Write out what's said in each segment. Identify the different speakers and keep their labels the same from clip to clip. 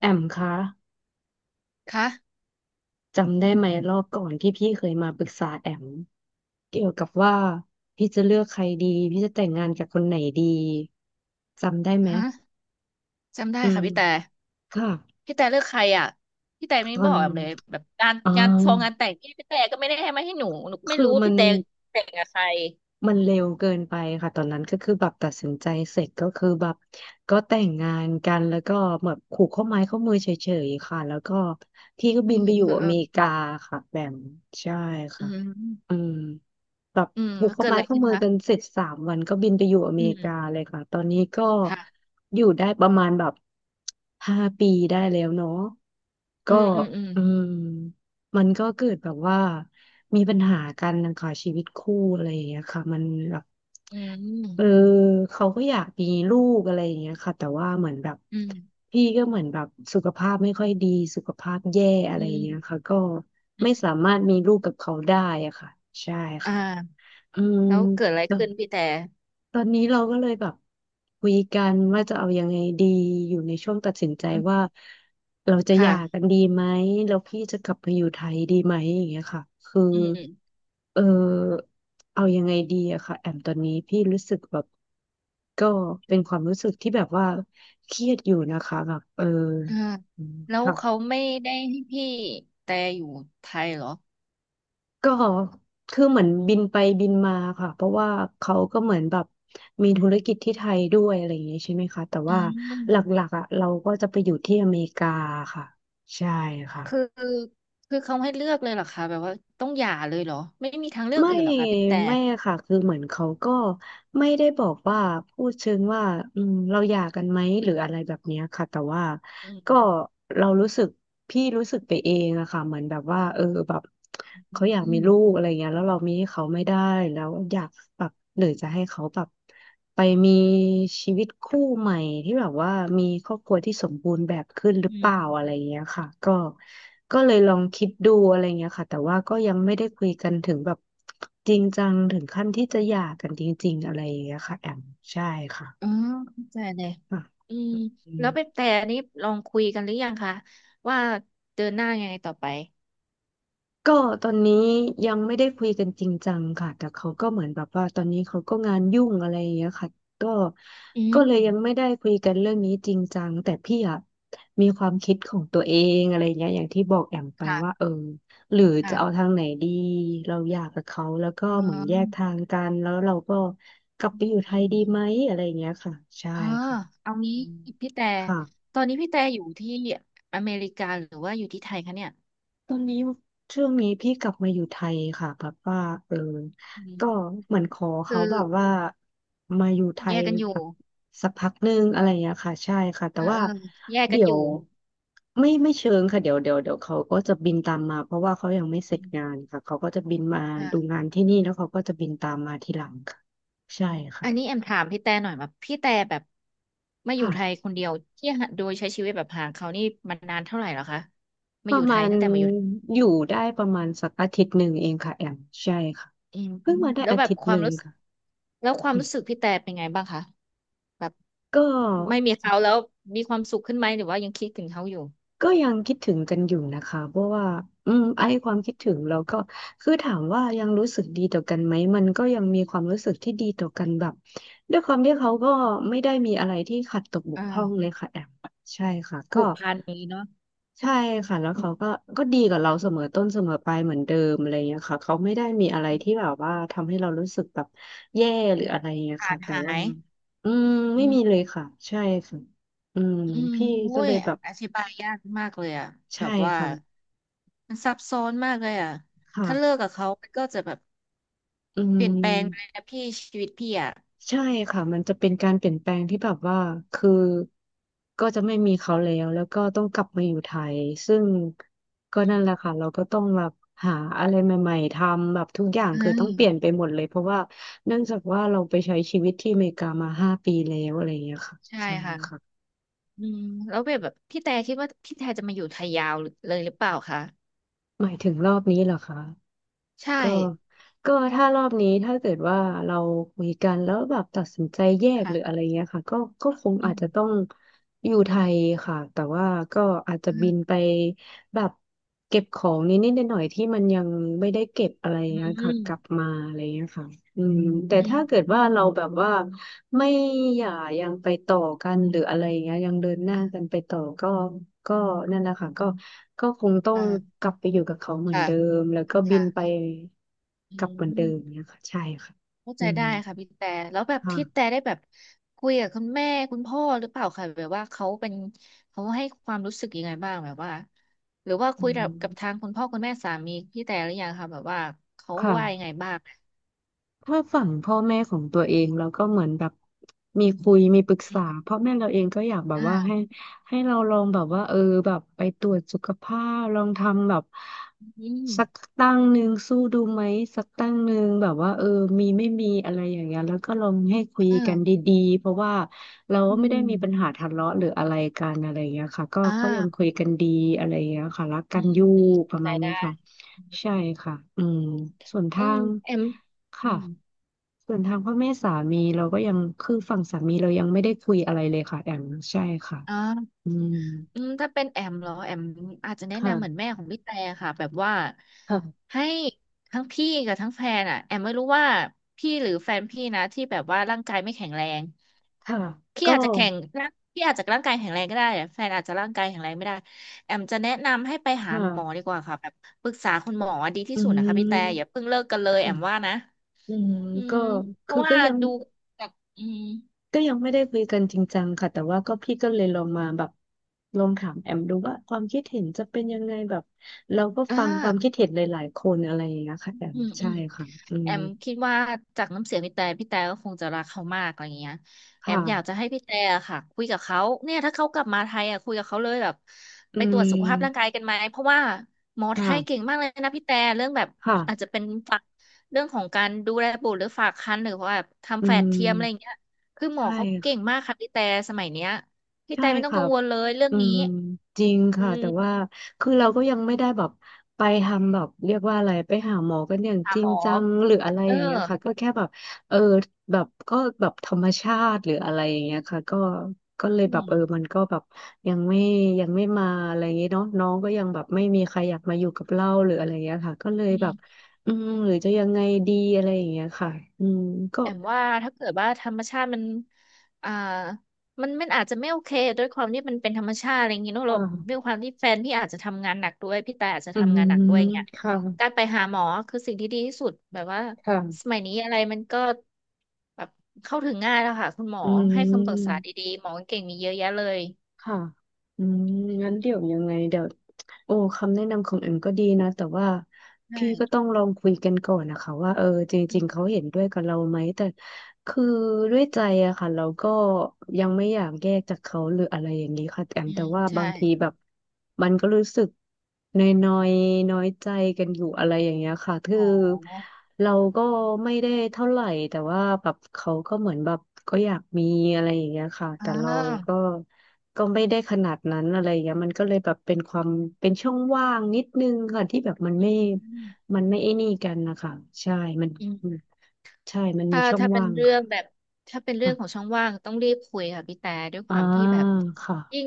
Speaker 1: แอมคะ
Speaker 2: คะ
Speaker 1: จำได้ไหมรอบก่อนที่พี่เคยมาปรึกษาแอมเกี่ยวกับว่าพี่จะเลือกใครดีพี่จะแต่งงานกับคนไหนดีจำได้ไหม
Speaker 2: ฮะจำได้
Speaker 1: อื
Speaker 2: ค่ะ
Speaker 1: ม
Speaker 2: พี่แต่
Speaker 1: ค่ะ
Speaker 2: พี่แต่เลือกใครอ่ะพี่แต่ไม่
Speaker 1: ตอ
Speaker 2: บ
Speaker 1: น
Speaker 2: อกแอมเลยแบบงาน
Speaker 1: อ่
Speaker 2: งานฟองงาน
Speaker 1: า
Speaker 2: แต่งพี่แต่ก็ไม่ได้ให้มาให้หนูก็ไม่
Speaker 1: คือ
Speaker 2: รู้ว่า
Speaker 1: มัน
Speaker 2: พี่แต่แต่งกับใคร
Speaker 1: มันเร็วเกินไปค่ะตอนนั้นก็คือแบบตัดสินใจเสร็จก็คือแบบก็แต่งงานกันแล้วก็แบบผูกข้อไม้ข้อมือเฉยๆค่ะแล้วก็พี่ก็
Speaker 2: อื
Speaker 1: บิน
Speaker 2: ม
Speaker 1: ไปอ
Speaker 2: อื
Speaker 1: ยู่
Speaker 2: ม
Speaker 1: อ
Speaker 2: อื
Speaker 1: เม
Speaker 2: ม
Speaker 1: ริกาค่ะแบมใช่
Speaker 2: อื
Speaker 1: ค่ะอื
Speaker 2: ม
Speaker 1: มแบบผูก
Speaker 2: แล้ว
Speaker 1: ข้อ
Speaker 2: เกิดอะ
Speaker 1: ไม้
Speaker 2: ไร
Speaker 1: ข้อ
Speaker 2: ขึ้น
Speaker 1: มือ
Speaker 2: คะ
Speaker 1: กันเสร็จ3 วันก็บินไปอยู่อเม
Speaker 2: อื
Speaker 1: ริกา
Speaker 2: ม
Speaker 1: เลยค่ะตอนนี้ก็
Speaker 2: ค่ะ
Speaker 1: อยู่ได้ประมาณแบบห้าปีได้แล้วเนาะ
Speaker 2: อื
Speaker 1: ก็
Speaker 2: มอืมอืม
Speaker 1: อืม มันก็เกิดแบบว่ามีปัญหากันนะคะชีวิตคู่อะไรอย่างเงี้ยค่ะมันแบบ
Speaker 2: อื
Speaker 1: เออ
Speaker 2: ม
Speaker 1: เขาก็อยากมีลูกอะไรอย่างเงี้ยค่ะแต่ว่าเหมือนแบบ
Speaker 2: อืม
Speaker 1: พี่ก็เหมือนแบบสุขภาพไม่ค่อยดีสุขภาพแย่อะ
Speaker 2: อื
Speaker 1: ไรอย่างเงี้ย
Speaker 2: ม
Speaker 1: ค่ะก็
Speaker 2: อื
Speaker 1: ไม่
Speaker 2: ม
Speaker 1: สามารถมีลูกกับเขาได้อะค่ะใช่
Speaker 2: อ
Speaker 1: ค่ะ
Speaker 2: ่า
Speaker 1: อืม
Speaker 2: แล้วเกิดอะไรขึ้นพี่แต่
Speaker 1: ตอนนี้เราก็เลยแบบคุยกันว่าจะเอายังไงดีอยู่ในช่วงตัดสินใจ
Speaker 2: อืม
Speaker 1: ว่าเราจะห
Speaker 2: ค่ะ
Speaker 1: ย่ากันดีไหมแล้วพี่จะกลับมาอยู่ไทยดีไหมอย่างเงี้ยค่ะคือ
Speaker 2: อืม
Speaker 1: เออเอายังไงดีอะค่ะแอมตอนนี้พี่รู้สึกแบบก็เป็นความรู้สึกที่แบบว่าเครียดอยู่นะคะแบบเออ
Speaker 2: อ่า
Speaker 1: อืม
Speaker 2: แล้วเขา
Speaker 1: ค่ะ
Speaker 2: ไม่ได้ให้พี่แต่อยู่ไทยเหรอ
Speaker 1: ก็คือเหมือนบินไปบินมาค่ะเพราะว่าเขาก็เหมือนแบบมีธุรกิจที่ไทยด้วยอะไรอย่างเงี้ยใช่ไหมคะแต่
Speaker 2: อื
Speaker 1: ว่าหลั
Speaker 2: ม
Speaker 1: กๆอ่ะเราก็จะไปอยู่ที่อเมริกาค่ะใช่
Speaker 2: คือ
Speaker 1: ค่ะ
Speaker 2: คือเขาให้เลือกเลยเหรอคะแบบว่าต้องหย่าเลยเหรอไม่มีทางเลือก
Speaker 1: ไม่
Speaker 2: อื่นเหรอคะพี่แต่
Speaker 1: ไม่ค่ะคือเหมือนเขาก็ไม่ได้บอกว่าพูดเชิงว่าอืมเราหย่ากันไหมหรืออะไรแบบเนี้ยค่ะแต่ว่า
Speaker 2: อื
Speaker 1: ก็
Speaker 2: ม
Speaker 1: เรารู้สึกพี่รู้สึกไปเองอะค่ะเหมือนแบบว่าเออแบบ
Speaker 2: อื
Speaker 1: เขาอยากมี
Speaker 2: ม
Speaker 1: ลูกอะไรเงี้ยแล้วเรามีให้เขาไม่ได้แล้วอยากแบบหรือจะให้เขาแบบ ไปมีชีวิตคู่ใหม่ที่แบบว่ามีครอบครัวที่สมบูรณ์แบบขึ้นหรือ
Speaker 2: อื
Speaker 1: เปล่าอะไรอย่าง
Speaker 2: ม
Speaker 1: เงี้ยค่ะก็ก็เลยลองคิดดูอะไรเงี้ยค่ะแต่ว่าก็ยังไม่ได้คุยกันถึงแบบจริงจังถึงขั้นที่จะหย่ากันจริงๆอะไรอย่างเงี้ยค่ะแอมใช่
Speaker 2: อ๋อ
Speaker 1: ค่ะ
Speaker 2: เข้าใจเลย
Speaker 1: อ่ะ
Speaker 2: อืม
Speaker 1: อืม
Speaker 2: แล้วพี่แต่นี้ลองคุยกันหรือยังคะว่าเดินหน้ายังไงต่อไป
Speaker 1: ก็ตอนนี้ยังไม่ได้คุยกันจริงจังค่ะแต่เขาก็เหมือนแบบว่าตอนนี้เขาก็งานยุ่งอะไรอย่างเงี้ยค่ะก็
Speaker 2: อื
Speaker 1: ก็
Speaker 2: ม
Speaker 1: เลยยังไม่ได้คุยกันเรื่องนี้จริงจังแต่พี่อะมีความคิดของตัวเองอะไรอย่างเงี้ยอย่างที่บอกแอมไปว่า
Speaker 2: ค่ะ
Speaker 1: เออหรือจะเอา
Speaker 2: ค่ะ
Speaker 1: ทางไหนดีเราอยากกับเขาแล้วก็
Speaker 2: อ๋
Speaker 1: เหมือนแยก
Speaker 2: อ
Speaker 1: ทางกันแล้วเราก็กลับไปอยู่ไท
Speaker 2: อื
Speaker 1: ยดีไห
Speaker 2: ม
Speaker 1: มอะไรอย่างเงี้ยค่ะใช่
Speaker 2: อ๋อ
Speaker 1: ค่ะ
Speaker 2: เอางี้
Speaker 1: อืม
Speaker 2: พี่แต่
Speaker 1: ค่ะ
Speaker 2: ตอนนี้พี่แต่อยู่ที่อเมริกาหรือว่าอยู่ที่ไทยคะเนี่ย
Speaker 1: ตอนนี้ช่วงนี้พี่กลับมาอยู่ไทยค่ะแบบว่าเออ
Speaker 2: อืม
Speaker 1: ก็เหมือนขอ
Speaker 2: คื
Speaker 1: เขา
Speaker 2: อ
Speaker 1: แบบว่ามาอยู่ไท
Speaker 2: แย
Speaker 1: ย
Speaker 2: กกันอ
Speaker 1: แบ
Speaker 2: ยู่
Speaker 1: บสักพักหนึ่งอะไรอย่างเงี้ยค่ะใช่ค่ะแต่
Speaker 2: เออเอ
Speaker 1: ว่า
Speaker 2: อแยกกัน
Speaker 1: เดี๋ย
Speaker 2: อ
Speaker 1: ว
Speaker 2: ยู่
Speaker 1: ไม่เชิงค่ะเดี๋ยวเขาก็จะบินตามมาเพราะว่าเขายังไม่เส
Speaker 2: อื
Speaker 1: ร็จ
Speaker 2: ม
Speaker 1: งานค่ะเขาก็จะบินมาดูงานที่นี่แล้วเขาก็จะบินตามมาทีหลังค่ะใช่ค่ะ
Speaker 2: อันนี้แอมถามพี่แต่หน่อยแบบพี่แต่แบบมาอยู่ไทย
Speaker 1: ค่ะ
Speaker 2: คนเดียวที่หาโดยใช้ชีวิตแบบห่างเขานี่มันนานเท่าไหร่แล้วคะ
Speaker 1: ป
Speaker 2: มาอ
Speaker 1: ระ
Speaker 2: ยู่ไท
Speaker 1: มา
Speaker 2: ย
Speaker 1: ณ
Speaker 2: ตั้งแต่มาอยู่
Speaker 1: อยู่ได้ประมาณสักอาทิตย์หนึ่งเองค่ะแอมใช่ค่ะ
Speaker 2: อืม
Speaker 1: เพิ่งมาได้
Speaker 2: แล้ว
Speaker 1: อา
Speaker 2: แบบ
Speaker 1: ทิต
Speaker 2: ค
Speaker 1: ย์ห
Speaker 2: วาม
Speaker 1: นึ่ง
Speaker 2: รู้สึก
Speaker 1: ค่ะ
Speaker 2: แล้วความรู้สึกพี่แต่เป็นไงบ้างคะแบบ
Speaker 1: ก็
Speaker 2: ไม่มีเขาแล้วมีความสุขขึ้นไหมหรือว่ายังคิดถึงเขาอยู่
Speaker 1: ก็ยังคิดถึงกันอยู่นะคะเพราะว่าอืมไอ้ความคิดถึงเราก็คือถามว่ายังรู้สึกดีต่อกันไหมมันก็ยังมีความรู้สึกที่ดีต่อกันแบบด้วยความที่เขาก็ไม่ได้มีอะไรที่ขัดตกบก
Speaker 2: อ่า
Speaker 1: พร่องเลยค่ะแอมใช่ค่ะก็
Speaker 2: ผูกพันนี้เนาะ
Speaker 1: ใช่ค่ะแล้วเขาก็ดีกับเราเสมอต้นเสมอปลายเหมือนเดิมอะไรอย่างเงี้ยค่ะเขาไม่ได้มีอะไรที่แบบว่าทำให้เรารู้สึกแบบแย่หรืออะไรอย่างเงี้ย
Speaker 2: ขา
Speaker 1: ค่ะ
Speaker 2: ด
Speaker 1: แต่
Speaker 2: หา
Speaker 1: ว่า
Speaker 2: ย
Speaker 1: อืม
Speaker 2: อื
Speaker 1: ไม่มีเล
Speaker 2: ม
Speaker 1: ยค่ะใช่ค่ะอืม
Speaker 2: อืม
Speaker 1: พี่
Speaker 2: โอุ้
Speaker 1: ก็เล
Speaker 2: ย
Speaker 1: ยแบบ
Speaker 2: อธิบายยากมากเลยอ่ะแบ
Speaker 1: ใช่
Speaker 2: บว่า
Speaker 1: ค่ะ
Speaker 2: มันซับซ้อนมากเลยอ่ะถ้าเลิ
Speaker 1: ค่ะ
Speaker 2: กกับเขามันก็จะแบบ
Speaker 1: อื
Speaker 2: เปลี่ยนแปลงไปเล
Speaker 1: ม
Speaker 2: ยนะพี่ชีวิตพี่อ่ะ
Speaker 1: ใช่ค่ะ มันจะเป็นการเปลี่ยนแปลงที่แบบว่าคือก็จะไม่มีเขาแล้วแล้วก็ต้องกลับมาอยู่ไทย ซึ่งก็
Speaker 2: อื
Speaker 1: นั่นแหละ
Speaker 2: ม
Speaker 1: ค่ะ เราก็ต้องแบบหาอะไรใหม่ๆทำแบบทุกอย่าง
Speaker 2: อื
Speaker 1: คือ
Speaker 2: ม
Speaker 1: ต้องเปลี่ยนไปหมดเลยเพราะว่าเนื่องจากว่าเราไปใช้ชีวิตที่อเมริกามาห้าปีแล้วอะไรอย่างเงี้ยค่ะ
Speaker 2: ใช่
Speaker 1: ใช่
Speaker 2: ค่ะ
Speaker 1: ค่ะ
Speaker 2: อืมแล้วแบบพี่แต่คิดว่าพี่แต่จะมาอยู่ไทยยาวเลยหรือเปล่าคะ
Speaker 1: หมายถึงรอบนี้เหรอคะ
Speaker 2: ใช่
Speaker 1: ก็ก็ถ้ารอบนี้ถ้าเกิดว่าเราคุยกันแล้วแบบตัดสินใจแยกหรืออะไร
Speaker 2: ค่ะ
Speaker 1: เงี้ยค่ะก็คง
Speaker 2: อื
Speaker 1: อาจจะต้อ
Speaker 2: ม
Speaker 1: งอยู่ไทยค่ะแต่ว่าก็อาจจะ
Speaker 2: อื
Speaker 1: บิ
Speaker 2: ม
Speaker 1: นไปแบบเก็บของนิดนิดหน่อยๆที่มันยังไม่ได้เก็บอะไร
Speaker 2: อื
Speaker 1: เงี้ยค่ะ
Speaker 2: ม
Speaker 1: กลับมาอะไรเงี้ยค่ะอืมแต่
Speaker 2: อื
Speaker 1: ถ้าเกิด
Speaker 2: ม
Speaker 1: ว่าเราแบบว่า ไม่อย่ายังไปต่อกันหรืออะไรอย่างเงี้ยยังเดินหน้ากันไปต่อก็ก็นั่นแหละค่ะก็คงต้อง
Speaker 2: อ่า
Speaker 1: กลับไปอยู่กับเขาเหมือน
Speaker 2: ค่ะ
Speaker 1: เดิมแล้วก็บิ
Speaker 2: ค่ะ
Speaker 1: นไป
Speaker 2: อื
Speaker 1: กลับเหมือนเดิม
Speaker 2: ม
Speaker 1: เนี่ยค่ะใช่ค่ะ
Speaker 2: เข้า
Speaker 1: อื
Speaker 2: ใจ
Speaker 1: ม
Speaker 2: ได้ค่ะพี่แต่แล้วแบบ
Speaker 1: ค่ะ
Speaker 2: พี่แต่ได้แบบคุยกับคุณแม่คุณพ่อหรือเปล่าคะแบบว่าเขาเป็นเขาให้ความรู้สึกยังไงบ้างแบบว่าหรือว่า
Speaker 1: อื
Speaker 2: คุยกับกับทา
Speaker 1: ม
Speaker 2: งคุณพ่อคุณแม่สามีพี่แต่หรือยังคะแบบว่าเขา
Speaker 1: ค่ะ
Speaker 2: ว่ายังไงบ้าง
Speaker 1: ถ้าฝั่งพ่อแม่ของตัวเองเราก็เหมือนแบบมีคุยมีปรึกษาพ่อแม่เราเองก็อยากแบบว่าให้
Speaker 2: อ่า
Speaker 1: เราลองแบบว่าเออแบบไปตรวจสุขภาพลองทำแบบ
Speaker 2: อืม
Speaker 1: สักตั้งหนึ่งสู้ดูไหมสักตั้งหนึ่งแบบว่าเออมีไม่มีอะไรอย่างเงี้ยแล้วก็ลองให้คุยกันด
Speaker 2: อ่า
Speaker 1: ีๆเพราะว่าเรา
Speaker 2: อื
Speaker 1: ก็ไม่ได้มีปัญหา
Speaker 2: ม
Speaker 1: ทะเลาะหรืออะไรกันอะไรอย่างเงี้ยค่ะก็
Speaker 2: อ่า
Speaker 1: ก็ยังคุยกันดีอะไรอย่างเงี้ยค่ะรัก
Speaker 2: อื
Speaker 1: กัน
Speaker 2: ม
Speaker 1: อ
Speaker 2: อืม
Speaker 1: ยู่
Speaker 2: อืม
Speaker 1: ประ
Speaker 2: ใจ
Speaker 1: มาณเนี้
Speaker 2: ได้
Speaker 1: ยค่ะ ใช่ค่ะอืมส่วน
Speaker 2: อื
Speaker 1: ทา
Speaker 2: ม
Speaker 1: ง
Speaker 2: แอมอื
Speaker 1: ค่ะ
Speaker 2: ม
Speaker 1: ส่วนทางพ่อแม่สามีเราก็ยังคือฝั่งสามีเรายังไม่ได้คุยอะไรเลยค่ะแอมใช่ค่ะ
Speaker 2: อ่า
Speaker 1: อืม
Speaker 2: อืมถ้าเป็นแอมเหรอแอมอาจจะแนะนำเหมือน
Speaker 1: ค่ะ
Speaker 2: แม่ของพี่แต่ค่ะแบบว่า
Speaker 1: ค่ะ
Speaker 2: ให้ทั้งพี่กับทั้งแฟนอ่ะแอมไม่รู้ว่าพี่หรือแฟนพี่นะที่แบบว่าร่างกายไม่แข็งแรง
Speaker 1: ค่ะ
Speaker 2: พี่
Speaker 1: ก็
Speaker 2: อาจจะแข็งร่างพี่อาจจะร่างกายแข็งแรงก็ได้อะแฟนอาจจะร่างกายแข็งแรงไม่ได้แอมจะแนะนำให้ไปหาหมอ
Speaker 1: ค่ะ
Speaker 2: ดีกว่าค่ะแบบปรึกษาคุณหมอดีที่
Speaker 1: อื
Speaker 2: สุดนะคะพี่แต่อย่า
Speaker 1: ม
Speaker 2: เพิ่งเลิกกันเลย
Speaker 1: ค่ะ
Speaker 2: แอมว่านะ
Speaker 1: อืม
Speaker 2: อื
Speaker 1: ก็
Speaker 2: มเพ
Speaker 1: คื
Speaker 2: ราะ
Speaker 1: อ
Speaker 2: ว่า
Speaker 1: ก็ยัง
Speaker 2: ดูจากอืม
Speaker 1: ก็ยังไม่ได้คุยกันจริงจังค่ะแต่ว่าก็พี่ก็เลยลองมาแบบลองถามแอมดูว่าความคิดเห็นจะเป็นยังไงแบบเราก็
Speaker 2: อ่
Speaker 1: ฟังความ
Speaker 2: า
Speaker 1: คิดเห็นหลายๆคนอะไรอย่างเงี้ยค่ะแอ
Speaker 2: อื
Speaker 1: ม
Speaker 2: มอื
Speaker 1: ใช่
Speaker 2: ม
Speaker 1: ค่ะอื
Speaker 2: แอ
Speaker 1: ม
Speaker 2: มคิดว่าจากน้ำเสียงพี่แต่พี่แต่ก็คงจะรักเขามากอะไรเงี้ยแอม
Speaker 1: ค่ะ
Speaker 2: อยากจะให้พี่แต่อะค่ะคุยกับเขาเนี่ยถ้าเขากลับมาไทยอ่ะคุยกับเขาเลยแบบ
Speaker 1: อื
Speaker 2: ไปตรวจสุขภาพร่างกา
Speaker 1: ม
Speaker 2: ยกันไหมเพราะว่าหมอไทยเก่ง
Speaker 1: ค่ะ
Speaker 2: มากเลยนะพี่แต่เรื่องแบบ
Speaker 1: ค่ะ
Speaker 2: อาจจะเป็นฝากเรื่องของการดูแลบุตรหรือฝากครรภ์หรือว่าแบบ
Speaker 1: อื
Speaker 2: ทำแฝดเทียมอะไร
Speaker 1: ม
Speaker 2: เงี้ยคือหมอ
Speaker 1: ใช่
Speaker 2: เขาเก่ง
Speaker 1: ค่ะ
Speaker 2: มากค่ะพี่แต่สมัยเนี้ยพี่
Speaker 1: ใช่
Speaker 2: แต่ไม่ต้อง
Speaker 1: ค่ะ
Speaker 2: กังวลเลยเรื่อง
Speaker 1: อื
Speaker 2: นี้
Speaker 1: มจริง
Speaker 2: อื
Speaker 1: ค่ะ แต่ว่า
Speaker 2: ม
Speaker 1: คือเราก็ยังไม่ได้แบบไปทำแบบเรียกว่าอะไรไปหาหมอกันอย่าง
Speaker 2: ถา
Speaker 1: จ
Speaker 2: ม
Speaker 1: ริ
Speaker 2: หม
Speaker 1: ง
Speaker 2: อ
Speaker 1: จังหรืออะไร
Speaker 2: เออ
Speaker 1: อย่างเงี้ยค่ะก็แค่แบบเออแบบก็แบบธรรมชาติหรืออะไรอย่างเงี้ยค่ะก็ก็เลย
Speaker 2: อื
Speaker 1: แบบเออ
Speaker 2: ม
Speaker 1: มันก็แบบยังไม่ยังไม่มาอะไรอย่างเงี้ยเนาะน้องก็ยังแบบไม่มีใครอยากมาอยู่กับเราหรืออะไรอย่างเงี้ยค่ะก็เลย
Speaker 2: อื
Speaker 1: แบบ
Speaker 2: ม
Speaker 1: อืมหรือจะยังไงดีอะไรอย่างเงี้ยค่ะอืมก็
Speaker 2: แอมว่าถ้าเกิดว่าธรรมชาติมัน อ่ามันอาจจะไม่โอเคด้วยความที่มันเป็นธรรมชาติอะไรอย่างงี้เนอะเราด้ว
Speaker 1: ค่ะ
Speaker 2: ยความที่แฟนพี่อาจจะทำงานหนักด้วยพี่แต่อาจจะ
Speaker 1: อื
Speaker 2: ทำ
Speaker 1: ม
Speaker 2: งานหนักด้วยอย่างเงี้ย
Speaker 1: ค่ะ
Speaker 2: การไปหาหมอคือสิ่งที่ดีที่สุดแบบว่า
Speaker 1: ค่ะ
Speaker 2: สมัยนี้อะไรมันก็แบบเข้าถึงง่ายแล้วค่ะคุณหมอ
Speaker 1: อื
Speaker 2: ให้คำปรึกษา
Speaker 1: ม
Speaker 2: ดีๆหมอเก่งมีเยอะแยะเลย
Speaker 1: ค่ะอืมงั้นเดี๋ยวยังไงเดี๋ยวโอ้คำแนะนำของเอ็มก็ดีนะแต่ว่า
Speaker 2: ใช่
Speaker 1: พี่ก็ต้องลองคุยกันก่อนนะคะว่าเออจ
Speaker 2: อื
Speaker 1: ริงๆเขา
Speaker 2: ม
Speaker 1: เห็นด้วยกับเราไหมแต่คือด้วยใจอะค่ะเราก็ยังไม่อยากแยกจากเขาหรืออะไรอย่างนี้ค่ะแอม
Speaker 2: อื
Speaker 1: แต่
Speaker 2: ม
Speaker 1: ว่าบา
Speaker 2: ใช่
Speaker 1: งทีแบบมันก็รู้สึกนอยน้อยน้อยใจกันอยู่อะไรอย่างเงี้ยค่ะคือ
Speaker 2: อ๋อ
Speaker 1: เราก็ไม่ได้เท่าไหร่แต่ว่าแบบเขาก็เหมือนแบบก็อยากมีอะไรอย่างเงี้ยค่ะ
Speaker 2: อ่
Speaker 1: แต่เราก็
Speaker 2: า
Speaker 1: ก็ไม่ได้ขนาดนั้นอะไรอย่างเงี้ยมันก็เลยแบบเป็นความเป็นช่องว่างนิดนึงค่ะที่แบบมันไม่ไอ้นี่กันนะคะใช่มัน
Speaker 2: อืม
Speaker 1: มันใช่มันมี
Speaker 2: ถ้า
Speaker 1: ช่อง
Speaker 2: ถ้าเป็น
Speaker 1: ว่าง
Speaker 2: เรื่องแบ
Speaker 1: ค่ะ
Speaker 2: บถ้าเป็นเรื่อง
Speaker 1: ค่ะ
Speaker 2: ของช่องว่างต้องรีบคุยค่ะพี่แต่ด้วยค
Speaker 1: อ่า
Speaker 2: วามที่แบบ
Speaker 1: ค่ะ
Speaker 2: ยิ่ง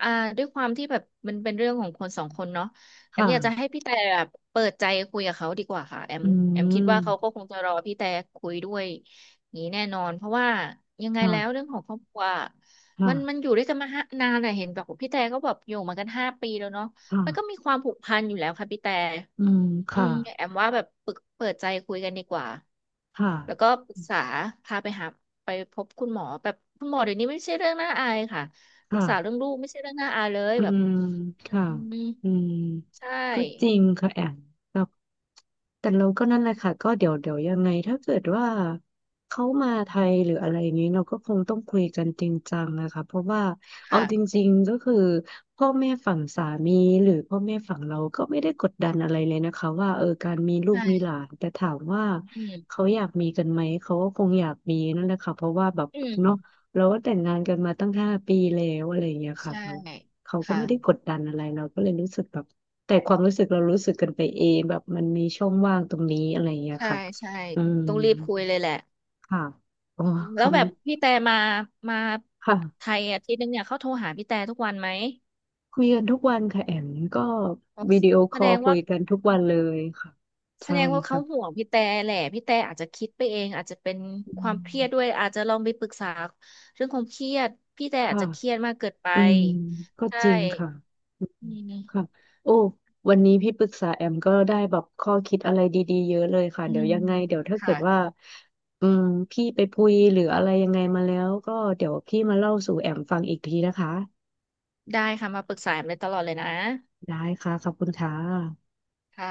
Speaker 2: อ่าด้วยความที่แบบมันเป็นเรื่องของคนสองคนเนาะแอม
Speaker 1: ค่ะ
Speaker 2: อยากจะให้พี่แต่แบบเปิดใจคุยกับเขาดีกว่าค่ะแอม
Speaker 1: อื
Speaker 2: แอมคิดว่าเขาก็
Speaker 1: ม
Speaker 2: คงจะรอพี่แต่คุยด้วยอย่างนี้แน่นอนเพราะว่ายังไง
Speaker 1: ค่ะ
Speaker 2: แล้วเรื่องของครอบครัวมันมัน
Speaker 1: ค่ะ
Speaker 2: อยู่ด้วยกันมาห้านานอะเห็นบอกว่าพี่แต่ก็แบบอยู่มากัน5 ปีแล้วเนาะ
Speaker 1: ค่ะ
Speaker 2: มันก็มีความผูกพันอยู่แล้วค่ะพี่แต่
Speaker 1: อืม
Speaker 2: อื
Speaker 1: ค่ะ
Speaker 2: มแอมว่าแบบปรึกเปิดใจคุยกันดีกว่า
Speaker 1: ค่ะ
Speaker 2: แล้วก็ปรึกษาพาไปหาไปพบคุณหมอแบบคุณหมอเดี๋ยวนี้ไม่ใช่เรื่องน่าอายค่ะปรึ
Speaker 1: ค่ะ
Speaker 2: กษาเรื่องลูกไม่ใช่เรื่องน่าอายเลย
Speaker 1: อื
Speaker 2: แบบ
Speaker 1: มค่ะ
Speaker 2: อืม
Speaker 1: อืม
Speaker 2: ใช่
Speaker 1: ก็จริงค่ะแอมแบบแต่เราก็นั่นแหละค่ะก็เดี๋ยวยังไงถ้าเกิดว่าเขามาไทยหรืออะไรนี้เราก็คงต้องคุยกันจริงจังนะคะเพราะว่าเอาจ
Speaker 2: ค่ะ
Speaker 1: ริงๆก็คือพ่อแม่ฝั่งสามีหรือพ่อแม่ฝั่งเราก็ไม่ได้กดดันอะไรเลยนะคะว่าเออการมีลูก
Speaker 2: ใช่
Speaker 1: มีหลานแต่ถามว่า
Speaker 2: อื
Speaker 1: เขา
Speaker 2: ม
Speaker 1: อยากมีกันไหมเขาก็คงอยากมีนั่นแหละค่ะเพราะว่าแบบ
Speaker 2: อืม
Speaker 1: เนาะเราก็แต่งงานกันมาตั้ง5 ปีแล้วอะไรอย่างเงี้ยค่ะ
Speaker 2: ใช่
Speaker 1: เขาก็
Speaker 2: ค่ะ
Speaker 1: ไม่ได้กดดันอะไรเราก็เลยรู้สึกแบบแต่ความรู้สึกเรารู้สึกกันไปเองแบบมันมีช่องว่างตรงนี้อะไรอย่างเงี้ย
Speaker 2: ใช่
Speaker 1: ค่ะ
Speaker 2: ใช่
Speaker 1: อืม
Speaker 2: ต้องรีบคุยเลยแหละ
Speaker 1: ค่ะอ๋อ
Speaker 2: แล้ว
Speaker 1: คำ
Speaker 2: แบบพี่แต่มามาไท
Speaker 1: ค่ะ
Speaker 2: ยอาทิตย์นึงเนี่ยเขาโทรหาพี่แต่ทุกวันไหม
Speaker 1: คุยกันทุกวันค่ะแอมก็
Speaker 2: อ๋อ
Speaker 1: วิดีโอค
Speaker 2: แส
Speaker 1: อ
Speaker 2: ด
Speaker 1: ล
Speaker 2: ง
Speaker 1: คุ
Speaker 2: ว่า
Speaker 1: ยกันทุกวันเลยค่ะ
Speaker 2: แส
Speaker 1: ใช่
Speaker 2: ดงว่าเขาห่
Speaker 1: ค่ะ
Speaker 2: วงพี่แต่แหละพี่แต่อาจจะคิดไปเองอาจจะเป็น
Speaker 1: อื
Speaker 2: ความเครียดด้ว
Speaker 1: ม
Speaker 2: ยอาจจะลองไปปรึกษาเรื่องความเครียดพี่แต่อาจ
Speaker 1: ค่ะ
Speaker 2: จะเครียดมากเกินไป
Speaker 1: อืมก็
Speaker 2: ใช่
Speaker 1: จริงค่ะ
Speaker 2: อืม
Speaker 1: ค่ะโอ้วันนี้พี่ปรึกษาแอมก็ได้แบบข้อคิดอะไรดีๆเยอะเลยค่ะ
Speaker 2: อื
Speaker 1: เดี๋ยว
Speaker 2: ม
Speaker 1: ยังไงเดี๋ยวถ้าเกิ
Speaker 2: ค่ะ
Speaker 1: ดว่าอืมพี่ไปพุยหรืออะไรยังไงมาแล้วก็เดี๋ยวพี่มาเล่าสู่แอมฟังอีกทีนะคะ
Speaker 2: ได้ค่ะมาปรึกษาแอมได้ตลอดเลยนะ
Speaker 1: ได้ค่ะขอบคุณค่ะ
Speaker 2: ค่ะ